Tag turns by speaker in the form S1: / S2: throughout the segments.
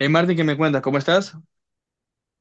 S1: Hey Martín, ¿qué me cuentas? ¿Cómo estás?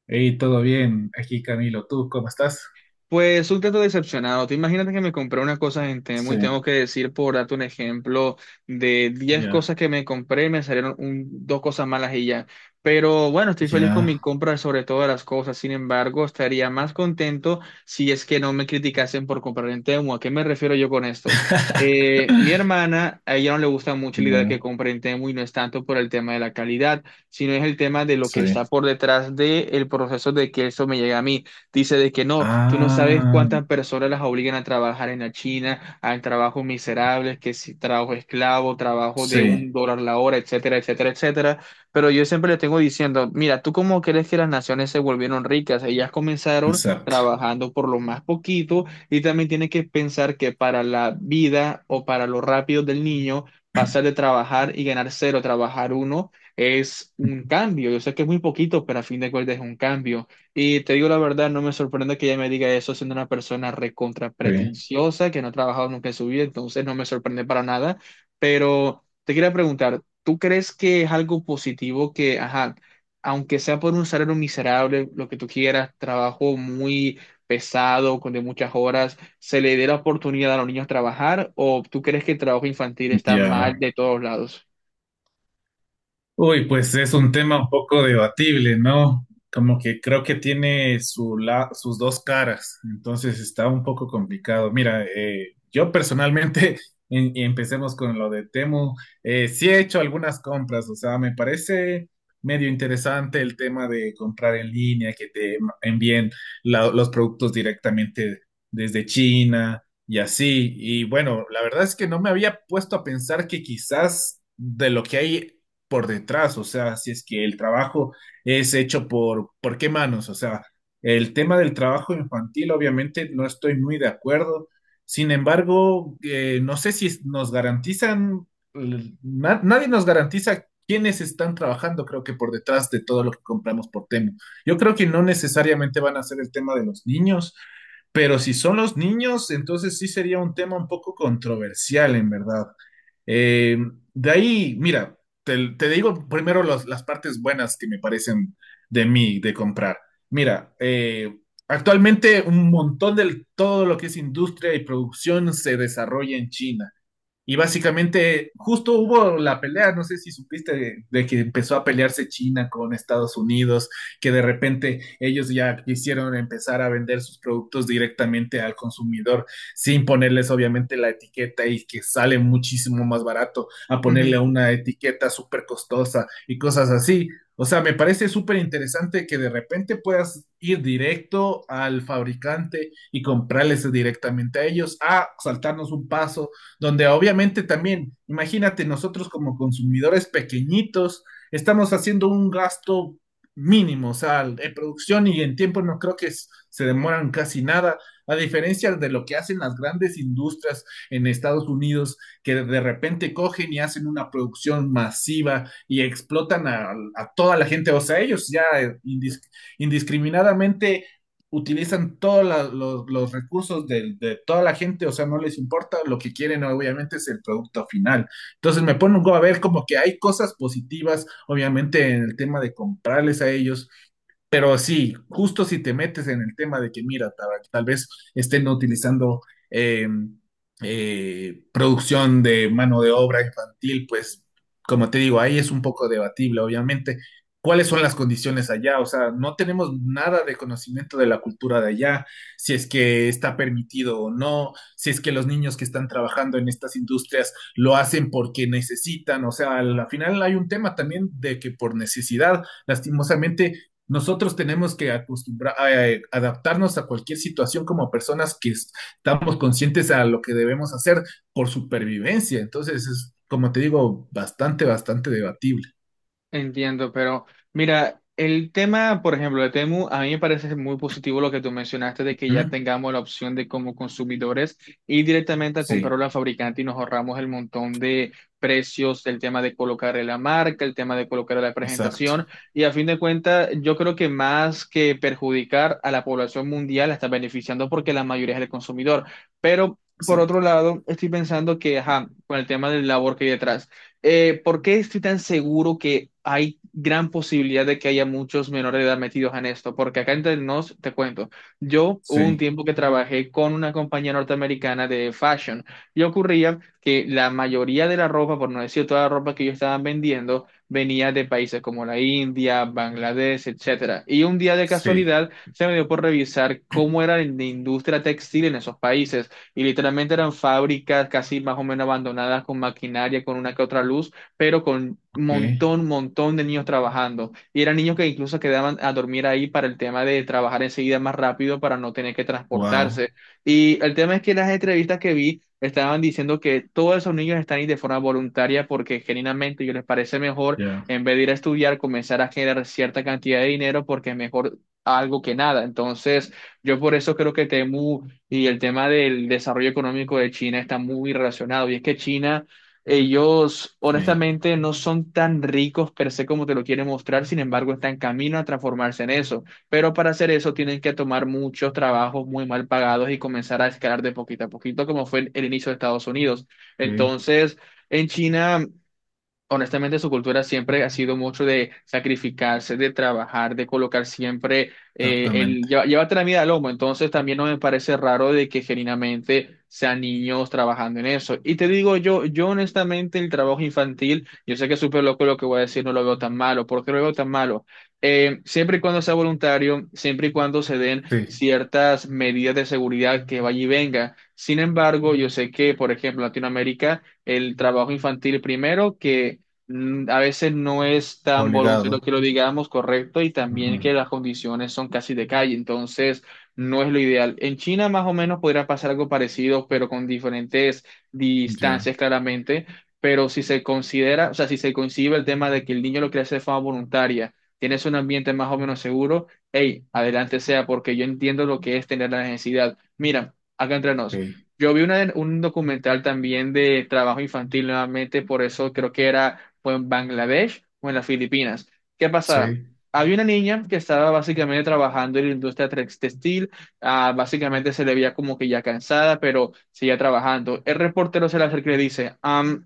S2: Hey, todo bien, aquí Camilo, ¿tú cómo estás?
S1: Pues un tanto decepcionado. Tú imagínate que me compré unas cosas en Temu
S2: Sí.
S1: y tengo que decir, por darte un ejemplo, de 10 cosas
S2: Ya,
S1: que me compré, me salieron dos cosas malas y ya. Pero bueno, estoy feliz con mi
S2: ya.
S1: compra sobre todas las cosas. Sin embargo, estaría más contento si es que no me criticasen por comprar en Temu. ¿A qué me refiero yo con esto? Mi hermana, a ella no le gusta mucho la idea de que
S2: Ya,
S1: compre en Temu y no es tanto por el tema de la calidad, sino es el tema de lo que está
S2: sí,
S1: por detrás del proceso de que eso me llegue a mí. Dice de que no, tú no sabes
S2: ah,
S1: cuántas personas las obligan a trabajar en la China, a trabajos miserables, que si trabajo esclavo, trabajo de un
S2: sí,
S1: dólar la hora, etcétera, etcétera, etcétera. Pero yo siempre le tengo diciendo, mira, ¿tú cómo crees que las naciones se volvieron ricas? Ellas comenzaron
S2: exacto,
S1: trabajando por lo más poquito y también tienes que pensar que para la vida o para lo rápido del niño, pasar de trabajar y ganar cero, a trabajar uno es un cambio. Yo sé que es muy poquito, pero a fin de cuentas es un cambio. Y te digo la verdad, no me sorprende que ella me diga eso siendo una persona recontra
S2: sí,
S1: pretenciosa, que no ha trabajado nunca en su vida, entonces no me sorprende para nada. Pero te quería preguntar, ¿tú crees que es algo positivo que, ajá, aunque sea por un salario miserable, lo que tú quieras, trabajo muy pesado, con de muchas horas, se le dé la oportunidad a los niños a trabajar? ¿O tú crees que el trabajo infantil está
S2: ya.
S1: mal de todos lados?
S2: Uy, pues es un tema un poco debatible, ¿no? Como que creo que tiene sus dos caras, entonces está un poco complicado. Mira, yo personalmente, y empecemos con lo de Temu. Sí he hecho algunas compras. O sea, me parece medio interesante el tema de comprar en línea, que te envíen los productos directamente desde China y así. Y bueno, la verdad es que no me había puesto a pensar que quizás de lo que hay por detrás, o sea, si es que el trabajo es hecho ¿por qué manos? O sea, el tema del trabajo infantil, obviamente, no estoy muy de acuerdo. Sin embargo, no sé si nos garantizan, nadie nos garantiza quiénes están trabajando, creo que por detrás de todo lo que compramos por Temu. Yo creo que no necesariamente van a ser el tema de los niños, pero si son los niños, entonces sí sería un tema un poco controversial, en verdad. Eh, de ahí, mira, te digo primero las partes buenas que me parecen de mí, de comprar. Mira, actualmente un montón de todo lo que es industria y producción se desarrolla en China. Y básicamente, justo hubo la pelea, no sé si supiste, de que empezó a pelearse China con Estados Unidos, que de repente ellos ya quisieron empezar a vender sus productos directamente al consumidor, sin ponerles obviamente la etiqueta y que sale muchísimo más barato a ponerle una etiqueta súper costosa y cosas así. O sea, me parece súper interesante que de repente puedas ir directo al fabricante y comprarles directamente a ellos, a saltarnos un paso donde obviamente también, imagínate, nosotros como consumidores pequeñitos, estamos haciendo un gasto mínimo. O sea, en producción y en tiempo no creo que se demoran casi nada, a diferencia de lo que hacen las grandes industrias en Estados Unidos, que de repente cogen y hacen una producción masiva y explotan a toda la gente. O sea, ellos ya indiscriminadamente utilizan todos los recursos de toda la gente. O sea, no les importa, lo que quieren obviamente es el producto final. Entonces me pongo a ver como que hay cosas positivas, obviamente en el tema de comprarles a ellos, pero sí, justo si te metes en el tema de que, mira, tal vez estén utilizando eh, producción de mano de obra infantil, pues, como te digo, ahí es un poco debatible, obviamente. ¿Cuáles son las condiciones allá? O sea, no tenemos nada de conocimiento de la cultura de allá, si es que está permitido o no, si es que los niños que están trabajando en estas industrias lo hacen porque necesitan. O sea, al final hay un tema también de que por necesidad, lastimosamente, nosotros tenemos que acostumbrar, adaptarnos a cualquier situación como personas que estamos conscientes a lo que debemos hacer por supervivencia. Entonces, es, como te digo, bastante debatible.
S1: Entiendo, pero mira, el tema, por ejemplo, de Temu, a mí me parece muy positivo lo que tú mencionaste de que ya
S2: ¿Mm?
S1: tengamos la opción de como consumidores ir directamente a
S2: Sí,
S1: comprarlo al fabricante y nos ahorramos el montón de precios, el tema de colocar la marca, el tema de colocar la
S2: exacto,
S1: presentación, y a fin de cuentas yo creo que más que perjudicar a la población mundial la está beneficiando porque la mayoría es el consumidor, pero por
S2: exacto.
S1: otro lado estoy pensando que ajá, con el tema del labor que hay detrás, ¿por qué estoy tan seguro que hay gran posibilidad de que haya muchos menores de edad metidos en esto? Porque acá entre nos, te cuento, yo hubo un
S2: Sí,
S1: tiempo que trabajé con una compañía norteamericana de fashion y ocurría que la mayoría de la ropa, por no decir toda la ropa que ellos estaban vendiendo, venía de países como la India, Bangladesh, etcétera. Y un día de
S2: sí,
S1: casualidad se me dio por revisar cómo era la industria textil en esos países y literalmente eran fábricas casi más o menos abandonadas con maquinaria, con una que otra luz, pero con
S2: ok,
S1: montón, montón de niños trabajando. Y eran niños que incluso quedaban a dormir ahí para el tema de trabajar enseguida más rápido para no tener que
S2: wow,
S1: transportarse. Y el tema es que las entrevistas que vi estaban diciendo que todos esos niños están ahí de forma voluntaria porque genuinamente ellos les parece mejor,
S2: ya,
S1: en vez de ir a estudiar, comenzar a generar cierta cantidad de dinero porque es mejor algo que nada. Entonces, yo por eso creo que Temu y el tema del desarrollo económico de China está muy relacionado. Y es que China, ellos
S2: sí,
S1: honestamente no son tan ricos per se como te lo quieren mostrar, sin embargo, están en camino a transformarse en eso. Pero para hacer eso tienen que tomar muchos trabajos muy mal pagados y comenzar a escalar de poquito a poquito, como fue el inicio de Estados Unidos.
S2: ok,
S1: Entonces, en China... Honestamente, su cultura siempre ha sido mucho de sacrificarse, de trabajar, de colocar siempre
S2: exactamente.
S1: llévate la vida al lomo. Entonces, también no me parece raro de que genuinamente sean niños trabajando en eso. Y te digo yo, yo honestamente, el trabajo infantil, yo sé que es súper loco lo que voy a decir, no lo veo tan malo. ¿Por qué lo veo tan malo? Siempre y cuando sea voluntario, siempre y cuando se den
S2: Sí,
S1: ciertas medidas de seguridad que vaya y venga. Sin embargo, yo sé que, por ejemplo, en Latinoamérica el trabajo infantil primero, que a veces no es tan voluntario
S2: obligado.
S1: que lo digamos, correcto, y
S2: Ujú,
S1: también que las condiciones son casi de calle, entonces no es lo ideal. En China más o menos podría pasar algo parecido, pero con diferentes
S2: ya,
S1: distancias claramente, pero si se considera, o sea, si se concibe el tema de que el niño lo quiere hacer de forma voluntaria, tienes un ambiente más o menos seguro, hey, adelante sea, porque yo entiendo lo que es tener la necesidad. Mira, acá entre nos.
S2: ok,
S1: Yo vi un documental también de trabajo infantil nuevamente, por eso creo que era o en Bangladesh o en las Filipinas. ¿Qué pasaba?
S2: sí,
S1: Había una niña que estaba básicamente trabajando en la industria textil, ah, básicamente se le veía como que ya cansada, pero seguía trabajando. El reportero se le acerca y le dice,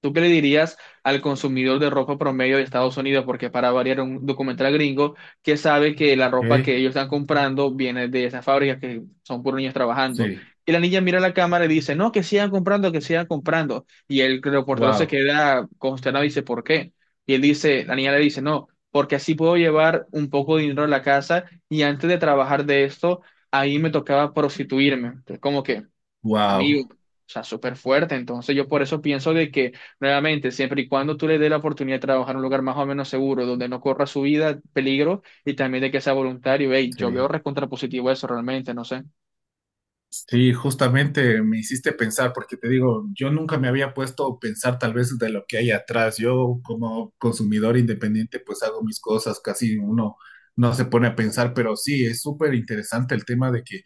S1: ¿Tú qué le dirías al consumidor de ropa promedio de Estados Unidos? Porque para variar un documental gringo que sabe que la ropa
S2: ok,
S1: que ellos están comprando viene de esas fábricas que son puros niños trabajando."
S2: sí,
S1: Y la niña mira la cámara y dice, no, que sigan comprando, que sigan comprando. Y el reportero se
S2: wow,
S1: queda consternado y dice, ¿por qué? Y él dice, la niña le dice, no, porque así puedo llevar un poco de dinero a la casa y antes de trabajar de esto, ahí me tocaba prostituirme. Entonces, ¿cómo que? Amigo,
S2: wow,
S1: o sea, súper fuerte. Entonces yo por eso pienso de que, nuevamente, siempre y cuando tú le des la oportunidad de trabajar en un lugar más o menos seguro, donde no corra su vida peligro y también de que sea voluntario, hey, yo veo
S2: sí.
S1: recontrapositivo eso realmente, no sé.
S2: Sí, justamente me hiciste pensar, porque te digo, yo nunca me había puesto a pensar tal vez de lo que hay atrás. Yo como consumidor independiente pues hago mis cosas, casi uno no se pone a pensar, pero sí, es súper interesante el tema de que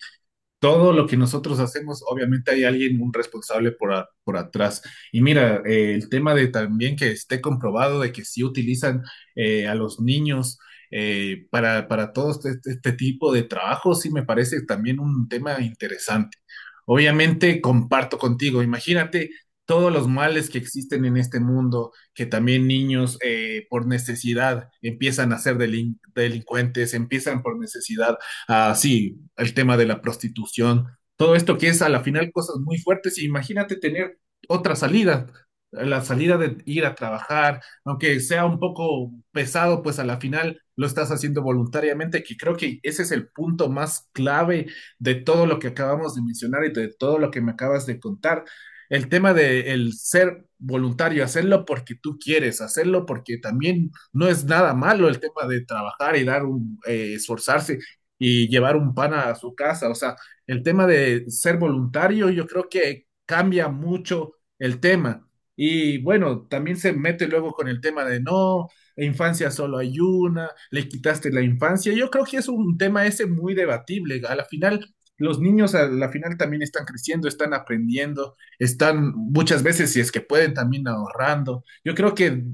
S2: todo lo que nosotros hacemos, obviamente hay alguien, un responsable por, por atrás. Y mira, el tema de también que esté comprobado de que sí utilizan a los niños para todo este este tipo de trabajo, sí me parece también un tema interesante. Obviamente comparto contigo, imagínate todos los males que existen en este mundo, que también niños por necesidad empiezan a ser delincuentes, empiezan por necesidad. Ah, sí, el tema de la prostitución, todo esto que es a la final cosas muy fuertes. Imagínate tener otra salida, la salida de ir a trabajar, aunque sea un poco pesado, pues a la final lo estás haciendo voluntariamente, que creo que ese es el punto más clave de todo lo que acabamos de mencionar y de todo lo que me acabas de contar. El tema de el ser voluntario, hacerlo porque tú quieres, hacerlo porque también no es nada malo el tema de trabajar y dar un, esforzarse y llevar un pan a su casa. O sea, el tema de ser voluntario yo creo que cambia mucho el tema. Y bueno, también se mete luego con el tema de no, infancia solo hay una, le quitaste la infancia. Yo creo que es un tema ese muy debatible. A la final, los niños a la final también están creciendo, están aprendiendo, están muchas veces, si es que pueden, también ahorrando. Yo creo que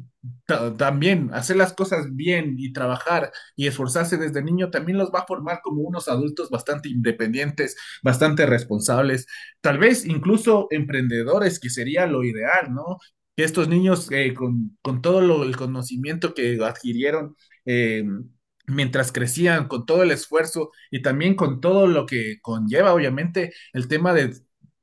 S2: también hacer las cosas bien y trabajar y esforzarse desde niño también los va a formar como unos adultos bastante independientes, bastante responsables, tal vez incluso emprendedores, que sería lo ideal, ¿no? Que estos niños con todo lo, el conocimiento que adquirieron, eh, mientras crecían, con todo el esfuerzo y también con todo lo que conlleva, obviamente, el tema de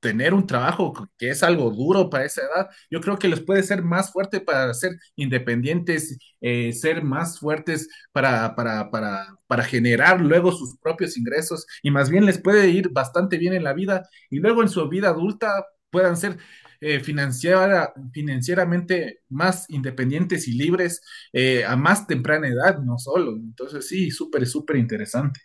S2: tener un trabajo que es algo duro para esa edad, yo creo que les puede ser más fuerte para ser independientes, ser más fuertes para generar luego sus propios ingresos y más bien les puede ir bastante bien en la vida y luego en su vida adulta puedan ser financieramente más independientes y libres a más temprana edad, no solo. Entonces sí, súper interesante.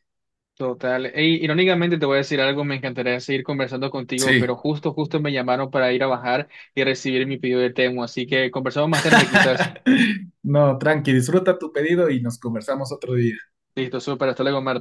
S1: Total. Ey, irónicamente te voy a decir algo, me encantaría seguir conversando contigo, pero
S2: Sí.
S1: justo, justo me llamaron para ir a bajar y recibir mi pedido de Temu, así que conversamos más tarde quizás.
S2: No, tranqui, disfruta tu pedido y nos conversamos otro día.
S1: Listo, súper, hasta luego, Marta.